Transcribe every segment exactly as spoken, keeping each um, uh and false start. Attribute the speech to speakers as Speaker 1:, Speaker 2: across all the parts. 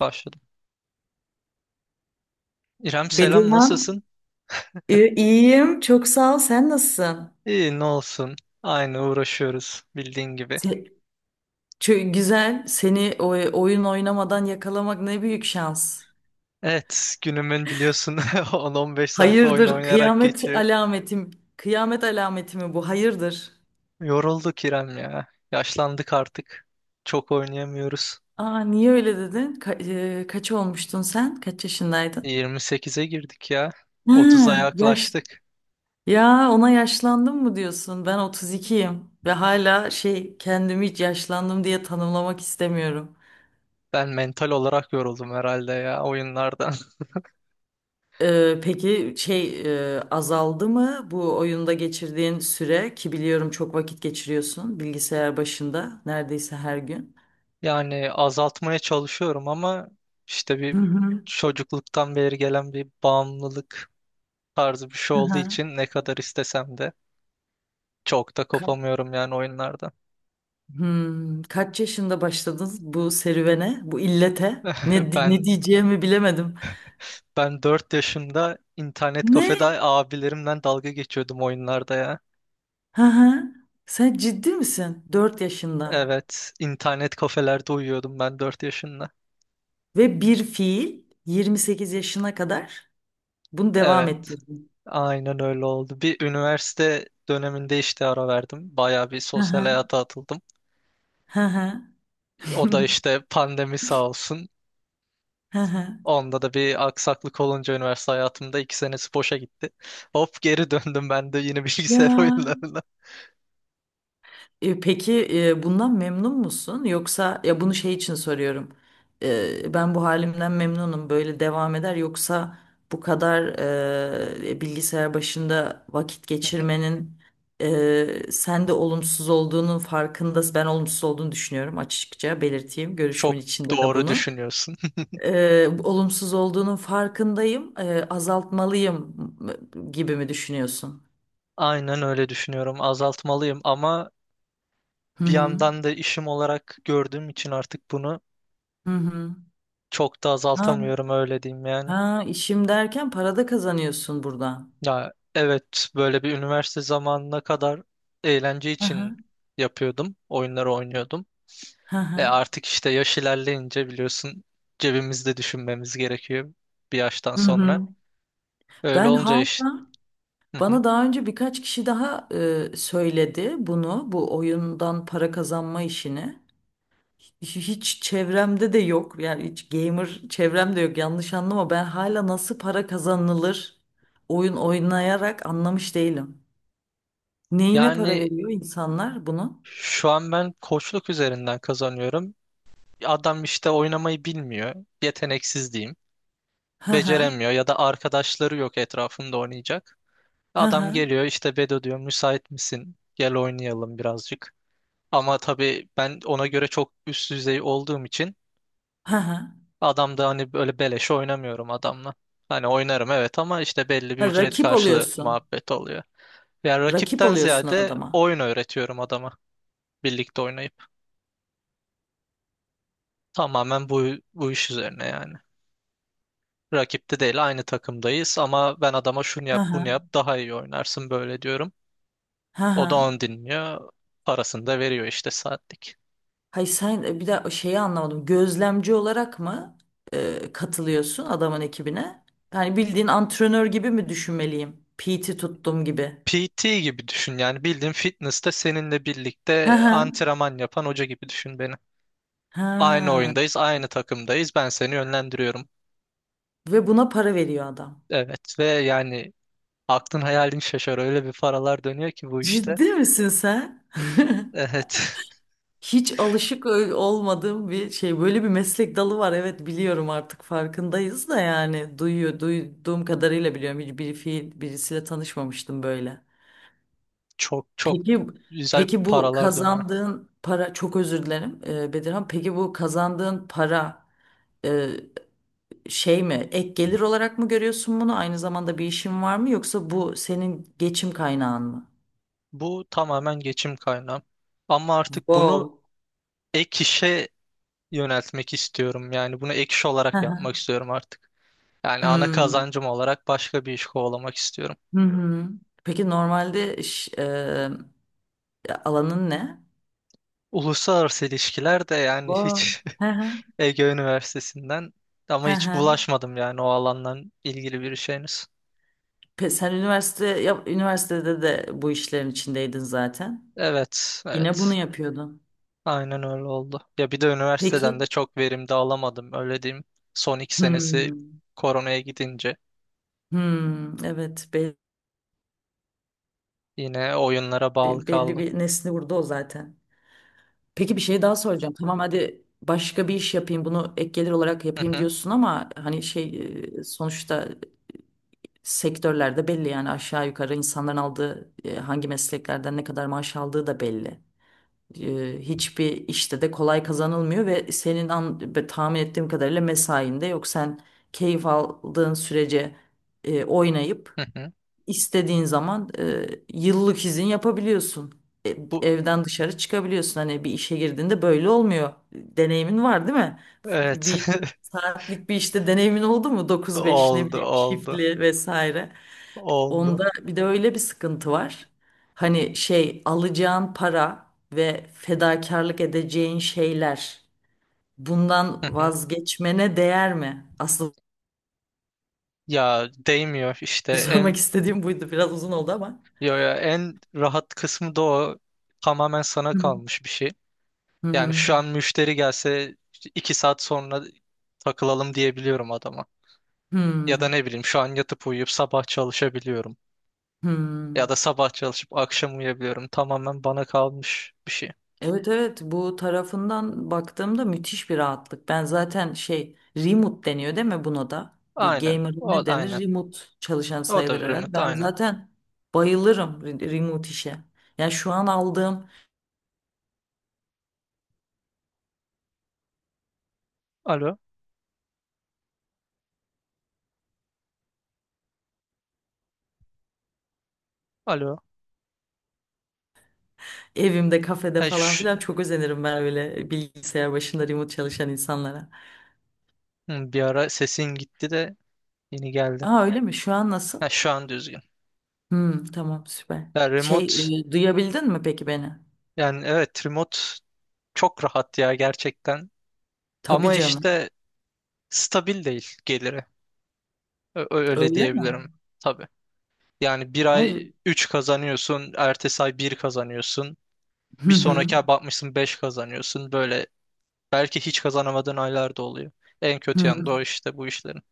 Speaker 1: Başladım. İrem selam
Speaker 2: Bedirhan,
Speaker 1: nasılsın?
Speaker 2: e, iyiyim. Çok sağ ol. Sen nasılsın?
Speaker 1: İyi ne olsun. Aynı uğraşıyoruz bildiğin gibi.
Speaker 2: Se- çö- Güzel. Seni o- oyun oynamadan yakalamak ne büyük şans.
Speaker 1: Evet günümün biliyorsun on on beş saat oyun
Speaker 2: Hayırdır,
Speaker 1: oynayarak
Speaker 2: kıyamet
Speaker 1: geçiyor.
Speaker 2: alametim. Kıyamet alameti mi bu? Hayırdır.
Speaker 1: Yorulduk İrem ya. Yaşlandık artık. Çok oynayamıyoruz.
Speaker 2: Aa, niye öyle dedin? Ka- e, kaç olmuştun sen? Kaç yaşındaydın?
Speaker 1: yirmi sekize girdik ya.
Speaker 2: Ha,
Speaker 1: otuza
Speaker 2: yaş.
Speaker 1: yaklaştık.
Speaker 2: Ya ona yaşlandım mı diyorsun? Ben otuz ikiyim ve hala şey kendimi hiç yaşlandım diye tanımlamak istemiyorum.
Speaker 1: Ben mental olarak yoruldum herhalde ya oyunlardan.
Speaker 2: Ee, peki şey e, azaldı mı bu oyunda geçirdiğin süre ki biliyorum çok vakit geçiriyorsun bilgisayar başında neredeyse her gün.
Speaker 1: Yani azaltmaya çalışıyorum ama işte
Speaker 2: Hı
Speaker 1: bir
Speaker 2: hı.
Speaker 1: çocukluktan beri gelen bir bağımlılık tarzı bir şey olduğu
Speaker 2: Aha.
Speaker 1: için ne kadar istesem de çok da
Speaker 2: Ka-
Speaker 1: kopamıyorum yani oyunlarda.
Speaker 2: Hmm, kaç yaşında başladınız bu serüvene, bu illete? Ne, di-
Speaker 1: Ben
Speaker 2: ne diyeceğimi bilemedim.
Speaker 1: ben dört yaşında internet
Speaker 2: Ne?
Speaker 1: kafede abilerimden dalga geçiyordum oyunlarda ya.
Speaker 2: Hı hı. Sen ciddi misin? Dört yaşında
Speaker 1: Evet, internet kafelerde uyuyordum ben dört yaşında.
Speaker 2: ve bir fiil yirmi sekiz yaşına kadar bunu devam
Speaker 1: Evet,
Speaker 2: ettirdin.
Speaker 1: aynen öyle oldu. Bir üniversite döneminde işte ara verdim. Bayağı bir
Speaker 2: Hı
Speaker 1: sosyal
Speaker 2: hı.
Speaker 1: hayata atıldım.
Speaker 2: Hı hı.
Speaker 1: O da işte pandemi sağ olsun,
Speaker 2: Hı hı.
Speaker 1: onda da bir aksaklık olunca üniversite hayatımda iki senesi boşa gitti. Hop geri döndüm ben de yine
Speaker 2: Ya
Speaker 1: bilgisayar oyunlarına.
Speaker 2: E, peki, e, bundan memnun musun? Yoksa ya bunu şey için soruyorum. E, ben bu halimden memnunum. Böyle devam eder. Yoksa bu kadar e, bilgisayar başında vakit geçirmenin e, sende olumsuz olduğunun farkında. Ben olumsuz olduğunu düşünüyorum, açıkça belirteyim. Görüşümün
Speaker 1: Çok
Speaker 2: içinde de
Speaker 1: doğru
Speaker 2: bunu.
Speaker 1: düşünüyorsun.
Speaker 2: E, olumsuz olduğunun farkındayım. E, azaltmalıyım gibi mi düşünüyorsun?
Speaker 1: Aynen öyle düşünüyorum. Azaltmalıyım ama
Speaker 2: Hı
Speaker 1: bir
Speaker 2: hı.
Speaker 1: yandan da işim olarak gördüğüm için artık bunu
Speaker 2: Hı
Speaker 1: çok da
Speaker 2: hı.
Speaker 1: azaltamıyorum öyle diyeyim yani.
Speaker 2: Ha, işim derken para da kazanıyorsun buradan.
Speaker 1: Ya evet böyle bir üniversite zamanına kadar eğlence
Speaker 2: Hı
Speaker 1: için
Speaker 2: hı.
Speaker 1: yapıyordum. Oyunları oynuyordum.
Speaker 2: Hı
Speaker 1: E
Speaker 2: hı.
Speaker 1: artık işte yaş ilerleyince biliyorsun cebimizde düşünmemiz gerekiyor bir yaştan
Speaker 2: Hı
Speaker 1: sonra.
Speaker 2: hı.
Speaker 1: Öyle
Speaker 2: Ben
Speaker 1: olunca iş...
Speaker 2: hala,
Speaker 1: Hı hı.
Speaker 2: bana daha önce birkaç kişi daha e, söyledi bunu, bu oyundan para kazanma işini. Hiç, hiç çevremde de yok, yani hiç gamer çevremde yok, yanlış anlama, ben hala nasıl para kazanılır oyun oynayarak anlamış değilim. Neyine para
Speaker 1: Yani
Speaker 2: veriyor insanlar bunu?
Speaker 1: şu an ben koçluk üzerinden kazanıyorum. Adam işte oynamayı bilmiyor. Yeteneksiz diyeyim.
Speaker 2: Hı hı.
Speaker 1: Beceremiyor ya da arkadaşları yok etrafında oynayacak.
Speaker 2: Hı
Speaker 1: Adam
Speaker 2: hı.
Speaker 1: geliyor işte Bedo diyor müsait misin? Gel oynayalım birazcık. Ama tabii ben ona göre çok üst düzey olduğum için
Speaker 2: Hı hı.
Speaker 1: adam da hani böyle beleşe oynamıyorum adamla. Hani oynarım evet ama işte belli bir
Speaker 2: Ha,
Speaker 1: ücret
Speaker 2: rakip
Speaker 1: karşılığı
Speaker 2: oluyorsun.
Speaker 1: muhabbet oluyor. Yani
Speaker 2: Rakip
Speaker 1: rakipten
Speaker 2: oluyorsun
Speaker 1: ziyade
Speaker 2: adama.
Speaker 1: oyun öğretiyorum adama birlikte oynayıp. Tamamen bu, bu iş üzerine yani. Rakipte değil aynı takımdayız ama ben adama şunu
Speaker 2: Hı
Speaker 1: yap bunu
Speaker 2: hı.
Speaker 1: yap daha iyi oynarsın böyle diyorum.
Speaker 2: Hı
Speaker 1: O
Speaker 2: hı.
Speaker 1: da onu dinliyor. Parasını da veriyor işte saatlik.
Speaker 2: Hayır sen, e, bir daha şeyi anlamadım. Gözlemci olarak mı e, katılıyorsun adamın ekibine? Yani bildiğin antrenör gibi mi düşünmeliyim? P T tuttum gibi.
Speaker 1: P T gibi düşün yani bildiğin fitness'te seninle
Speaker 2: Hı
Speaker 1: birlikte
Speaker 2: hı.
Speaker 1: antrenman yapan hoca gibi düşün beni. Aynı
Speaker 2: Ha.
Speaker 1: oyundayız, aynı takımdayız. Ben seni yönlendiriyorum.
Speaker 2: Ve buna para veriyor adam.
Speaker 1: Evet ve yani aklın hayalin şaşar. Öyle bir paralar dönüyor ki bu işte.
Speaker 2: Ciddi misin sen?
Speaker 1: Evet.
Speaker 2: Hiç alışık ö- olmadığım bir şey. Böyle bir meslek dalı var. Evet biliyorum, artık farkındayız da yani duyuyor, duyduğum kadarıyla biliyorum. Hiç bir fiil, birisiyle tanışmamıştım böyle.
Speaker 1: Çok çok
Speaker 2: Peki
Speaker 1: güzel
Speaker 2: peki bu
Speaker 1: paralar dönüyor.
Speaker 2: kazandığın para, çok özür dilerim e, Bedirhan. Peki bu kazandığın para e, şey mi ek gelir olarak mı görüyorsun bunu? Aynı zamanda bir işin var mı, yoksa bu senin geçim kaynağın mı?
Speaker 1: Bu tamamen geçim kaynağı. Ama artık bunu
Speaker 2: Wow.
Speaker 1: ek işe yöneltmek istiyorum. Yani bunu ek iş
Speaker 2: Hı
Speaker 1: olarak
Speaker 2: hı.
Speaker 1: yapmak istiyorum artık. Yani ana
Speaker 2: Hmm.
Speaker 1: kazancım olarak başka bir iş kovalamak istiyorum.
Speaker 2: Hı hı. Peki normalde iş, e, alanın ne?
Speaker 1: Uluslararası ilişkiler de yani
Speaker 2: Wow.
Speaker 1: hiç
Speaker 2: Hı hı.
Speaker 1: Ege Üniversitesi'nden, ama
Speaker 2: Hı
Speaker 1: hiç
Speaker 2: hı.
Speaker 1: bulaşmadım yani o alandan ilgili bir şeyiniz.
Speaker 2: Pe- Sen üniversite ya, üniversitede de bu işlerin içindeydin zaten.
Speaker 1: Evet,
Speaker 2: Yine bunu
Speaker 1: evet.
Speaker 2: yapıyordun.
Speaker 1: Aynen öyle oldu. Ya bir de
Speaker 2: Peki.
Speaker 1: üniversiteden de çok verim de alamadım öyle diyeyim. Son iki senesi
Speaker 2: Hmm.
Speaker 1: koronaya gidince
Speaker 2: Hmm, evet belli,
Speaker 1: yine oyunlara bağlı
Speaker 2: Belli
Speaker 1: kaldım.
Speaker 2: bir nesli vurdu o zaten. Peki bir şey daha soracağım. Tamam, hadi başka bir iş yapayım, bunu ek gelir olarak
Speaker 1: Hı
Speaker 2: yapayım
Speaker 1: hı,
Speaker 2: diyorsun ama hani şey e, sonuçta sektörlerde belli yani aşağı yukarı insanların aldığı, e, hangi mesleklerden ne kadar maaş aldığı da belli. E, hiçbir işte de kolay kazanılmıyor ve senin an, be- tahmin ettiğim kadarıyla mesain de yok. Sen keyif aldığın sürece e, oynayıp
Speaker 1: hı hı.
Speaker 2: İstediğin zaman e, yıllık izin yapabiliyorsun. E,
Speaker 1: Bu
Speaker 2: evden dışarı çıkabiliyorsun. Hani bir işe girdiğinde böyle olmuyor. Deneyimin var değil mi? F-
Speaker 1: evet
Speaker 2: Bir saatlik bir işte deneyimin oldu mu? dokuz beş, ne
Speaker 1: oldu
Speaker 2: bileyim,
Speaker 1: oldu
Speaker 2: shiftli vesaire.
Speaker 1: oldu.
Speaker 2: Onda bir de öyle bir sıkıntı var. Hani şey, alacağın para ve fedakarlık edeceğin şeyler, bundan
Speaker 1: Hı hı.
Speaker 2: vazgeçmene değer mi? Asıl
Speaker 1: Ya değmiyor işte
Speaker 2: sormak
Speaker 1: en...
Speaker 2: istediğim buydu. Biraz uzun oldu ama.
Speaker 1: Yo ya en rahat kısmı da o. Tamamen sana
Speaker 2: Hı hı.
Speaker 1: kalmış bir şey.
Speaker 2: Hı
Speaker 1: Yani
Speaker 2: hı.
Speaker 1: şu an müşteri gelse işte iki saat sonra takılalım diyebiliyorum adama. Ya da
Speaker 2: Hmm,
Speaker 1: ne bileyim şu an yatıp uyuyup sabah çalışabiliyorum. Ya
Speaker 2: hmm.
Speaker 1: da sabah çalışıp akşam uyuyabiliyorum. Tamamen bana kalmış bir şey.
Speaker 2: Evet, evet, bu tarafından baktığımda müthiş bir rahatlık. Ben zaten şey, remote deniyor değil mi buna da? Bir
Speaker 1: Aynen.
Speaker 2: gamer
Speaker 1: O
Speaker 2: ne denir?
Speaker 1: aynen.
Speaker 2: Remote çalışan
Speaker 1: O da
Speaker 2: sayılır herhalde.
Speaker 1: remote
Speaker 2: Ben
Speaker 1: aynen.
Speaker 2: zaten bayılırım re- remote işe. Yani şu an aldığım
Speaker 1: Alo. Alo.
Speaker 2: evimde, kafede
Speaker 1: Ha,
Speaker 2: falan
Speaker 1: şu-
Speaker 2: filan, çok özenirim ben öyle bilgisayar başında remote çalışan insanlara.
Speaker 1: Hı, bir ara sesin gitti de yeni geldi.
Speaker 2: Aa öyle mi? Şu an nasıl?
Speaker 1: Ha, şu an düzgün.
Speaker 2: Hmm, tamam, süper.
Speaker 1: Ya
Speaker 2: Şey
Speaker 1: remote
Speaker 2: e, Duyabildin mi peki beni?
Speaker 1: yani evet remote çok rahat ya gerçekten.
Speaker 2: Tabii
Speaker 1: Ama
Speaker 2: canım.
Speaker 1: işte stabil değil geliri. Ö- ö- öyle
Speaker 2: Öyle mi?
Speaker 1: diyebilirim tabii. Yani bir
Speaker 2: Aa,
Speaker 1: ay
Speaker 2: re-
Speaker 1: üç kazanıyorsun, ertesi ay bir kazanıyorsun.
Speaker 2: Hı
Speaker 1: Bir
Speaker 2: hı.
Speaker 1: sonraki ay bakmışsın beş kazanıyorsun. Böyle belki hiç kazanamadığın aylar da oluyor. En kötü yanı
Speaker 2: Hı.
Speaker 1: da o işte bu işlerin.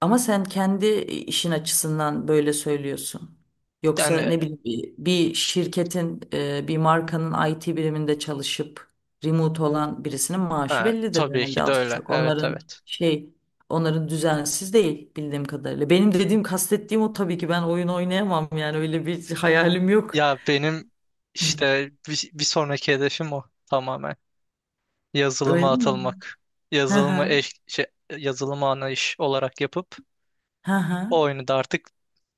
Speaker 2: Ama sen kendi e, işin açısından böyle söylüyorsun. Yoksa
Speaker 1: Yani
Speaker 2: ne bileyim bir bir şirketin, e, bir markanın I T biriminde çalışıp remote olan birisinin maaşı
Speaker 1: ha,
Speaker 2: bellidir
Speaker 1: tabii
Speaker 2: herhalde
Speaker 1: ki de
Speaker 2: az
Speaker 1: öyle.
Speaker 2: çok.
Speaker 1: Evet
Speaker 2: Onların
Speaker 1: evet.
Speaker 2: şey, onların düzensiz değil bildiğim kadarıyla. Benim dediğim, kastettiğim o, tabii ki ben oyun oynayamam yani, öyle bir hayalim yok.
Speaker 1: Ya benim işte bir, bir sonraki hedefim o tamamen.
Speaker 2: Öyle
Speaker 1: Yazılıma
Speaker 2: mi?
Speaker 1: atılmak.
Speaker 2: Hı
Speaker 1: Yazılıma
Speaker 2: hı.
Speaker 1: eş, şey, yazılıma ana iş olarak yapıp
Speaker 2: Hı hı.
Speaker 1: o oyunu da artık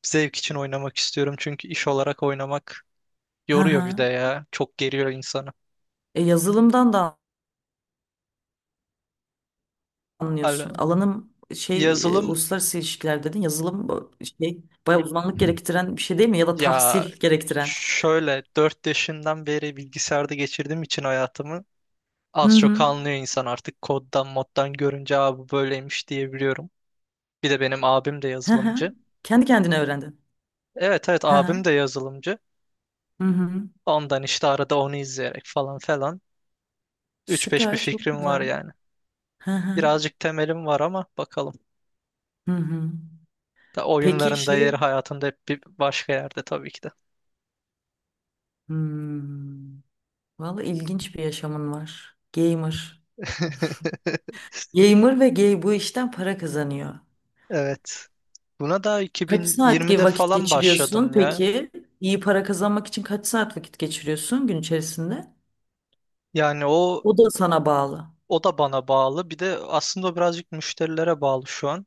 Speaker 1: zevk için oynamak istiyorum. Çünkü iş olarak oynamak
Speaker 2: Hı
Speaker 1: yoruyor
Speaker 2: hı.
Speaker 1: bir de ya. Çok geriyor insanı.
Speaker 2: E, yazılımdan da anlıyorsun.
Speaker 1: Hal-
Speaker 2: Alanım şey, e,
Speaker 1: Yazılım
Speaker 2: uluslararası ilişkiler dedin. Yazılım, bu şey bayağı uzmanlık gerektiren bir şey değil mi? Ya da
Speaker 1: ya
Speaker 2: tahsil gerektiren.
Speaker 1: şöyle dört yaşından beri bilgisayarda geçirdiğim için hayatımı
Speaker 2: Hı
Speaker 1: az çok
Speaker 2: hı.
Speaker 1: anlıyor insan artık koddan moddan görünce abi bu böyleymiş diyebiliyorum. Bir de benim abim de
Speaker 2: Hı hı.
Speaker 1: yazılımcı.
Speaker 2: Kendi kendine öğrendin.
Speaker 1: Evet evet
Speaker 2: Hı
Speaker 1: abim
Speaker 2: hı.
Speaker 1: de yazılımcı.
Speaker 2: Hı hı.
Speaker 1: Ondan işte arada onu izleyerek falan falan üç beş bir
Speaker 2: Süper, çok
Speaker 1: fikrim var
Speaker 2: güzel.
Speaker 1: yani.
Speaker 2: Hı hı.
Speaker 1: Birazcık temelim var ama bakalım.
Speaker 2: Hı hı.
Speaker 1: Da
Speaker 2: Peki
Speaker 1: oyunlarında
Speaker 2: şey,
Speaker 1: yeri hayatında hep bir başka yerde tabii ki de.
Speaker 2: hmm, vallahi ilginç bir yaşamın var. Gamer. Gamer ve gay bu işten para kazanıyor.
Speaker 1: Evet. Buna da
Speaker 2: Kaç saat gibi
Speaker 1: iki bin yirmide
Speaker 2: vakit
Speaker 1: falan
Speaker 2: geçiriyorsun
Speaker 1: başladım ya.
Speaker 2: peki? İyi para kazanmak için kaç saat vakit geçiriyorsun gün içerisinde?
Speaker 1: Yani o
Speaker 2: O da sana bağlı.
Speaker 1: o da bana bağlı. Bir de aslında birazcık müşterilere bağlı şu an.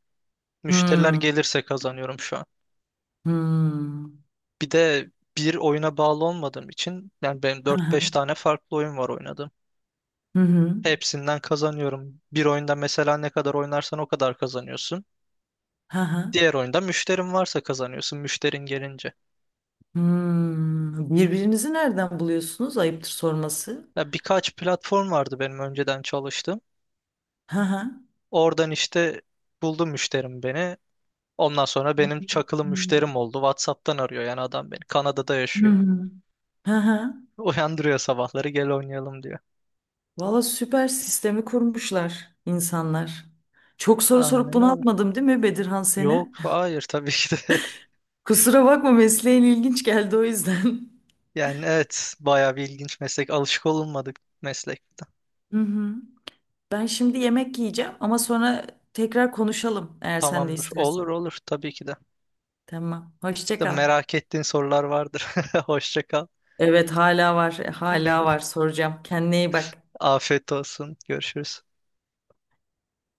Speaker 1: Müşteriler
Speaker 2: Hmm.
Speaker 1: gelirse kazanıyorum şu an.
Speaker 2: Hmm.
Speaker 1: Bir de bir oyuna bağlı olmadığım için yani benim
Speaker 2: Hı
Speaker 1: dört
Speaker 2: hı.
Speaker 1: beş tane farklı oyun var oynadım.
Speaker 2: Hı hı.
Speaker 1: Hepsinden kazanıyorum. Bir oyunda mesela ne kadar oynarsan o kadar kazanıyorsun.
Speaker 2: Hı hı.
Speaker 1: Diğer oyunda müşterin varsa kazanıyorsun müşterin gelince.
Speaker 2: Hmm. Birbirinizi nereden buluyorsunuz? Ayıptır sorması.
Speaker 1: Ya birkaç platform vardı benim önceden çalıştığım.
Speaker 2: Hı hı.
Speaker 1: Oradan işte buldu müşterim beni. Ondan sonra benim çakılı müşterim oldu. WhatsApp'tan arıyor yani adam beni. Kanada'da
Speaker 2: Hı
Speaker 1: yaşıyor.
Speaker 2: hı. Hı hı.
Speaker 1: Uyandırıyor sabahları gel oynayalım diyor.
Speaker 2: Valla süper, sistemi kurmuşlar insanlar. Çok soru sorup
Speaker 1: Aynen öyle.
Speaker 2: bunaltmadım değil mi Bedirhan seni?
Speaker 1: Yok hayır tabii ki de.
Speaker 2: Kusura bakma, mesleğin ilginç geldi o yüzden.
Speaker 1: Yani evet bayağı bir ilginç meslek. Alışık olunmadık meslekte.
Speaker 2: Hı hı. Ben şimdi yemek yiyeceğim ama sonra tekrar konuşalım eğer sen de
Speaker 1: Tamamdır. Olur
Speaker 2: istersen.
Speaker 1: olur tabii ki de.
Speaker 2: Tamam. Hoşça
Speaker 1: Da
Speaker 2: kal.
Speaker 1: merak ettiğin sorular vardır. Hoşça kal.
Speaker 2: Evet, hala var. Hala var. Soracağım. Kendine iyi bak.
Speaker 1: Afiyet olsun. Görüşürüz.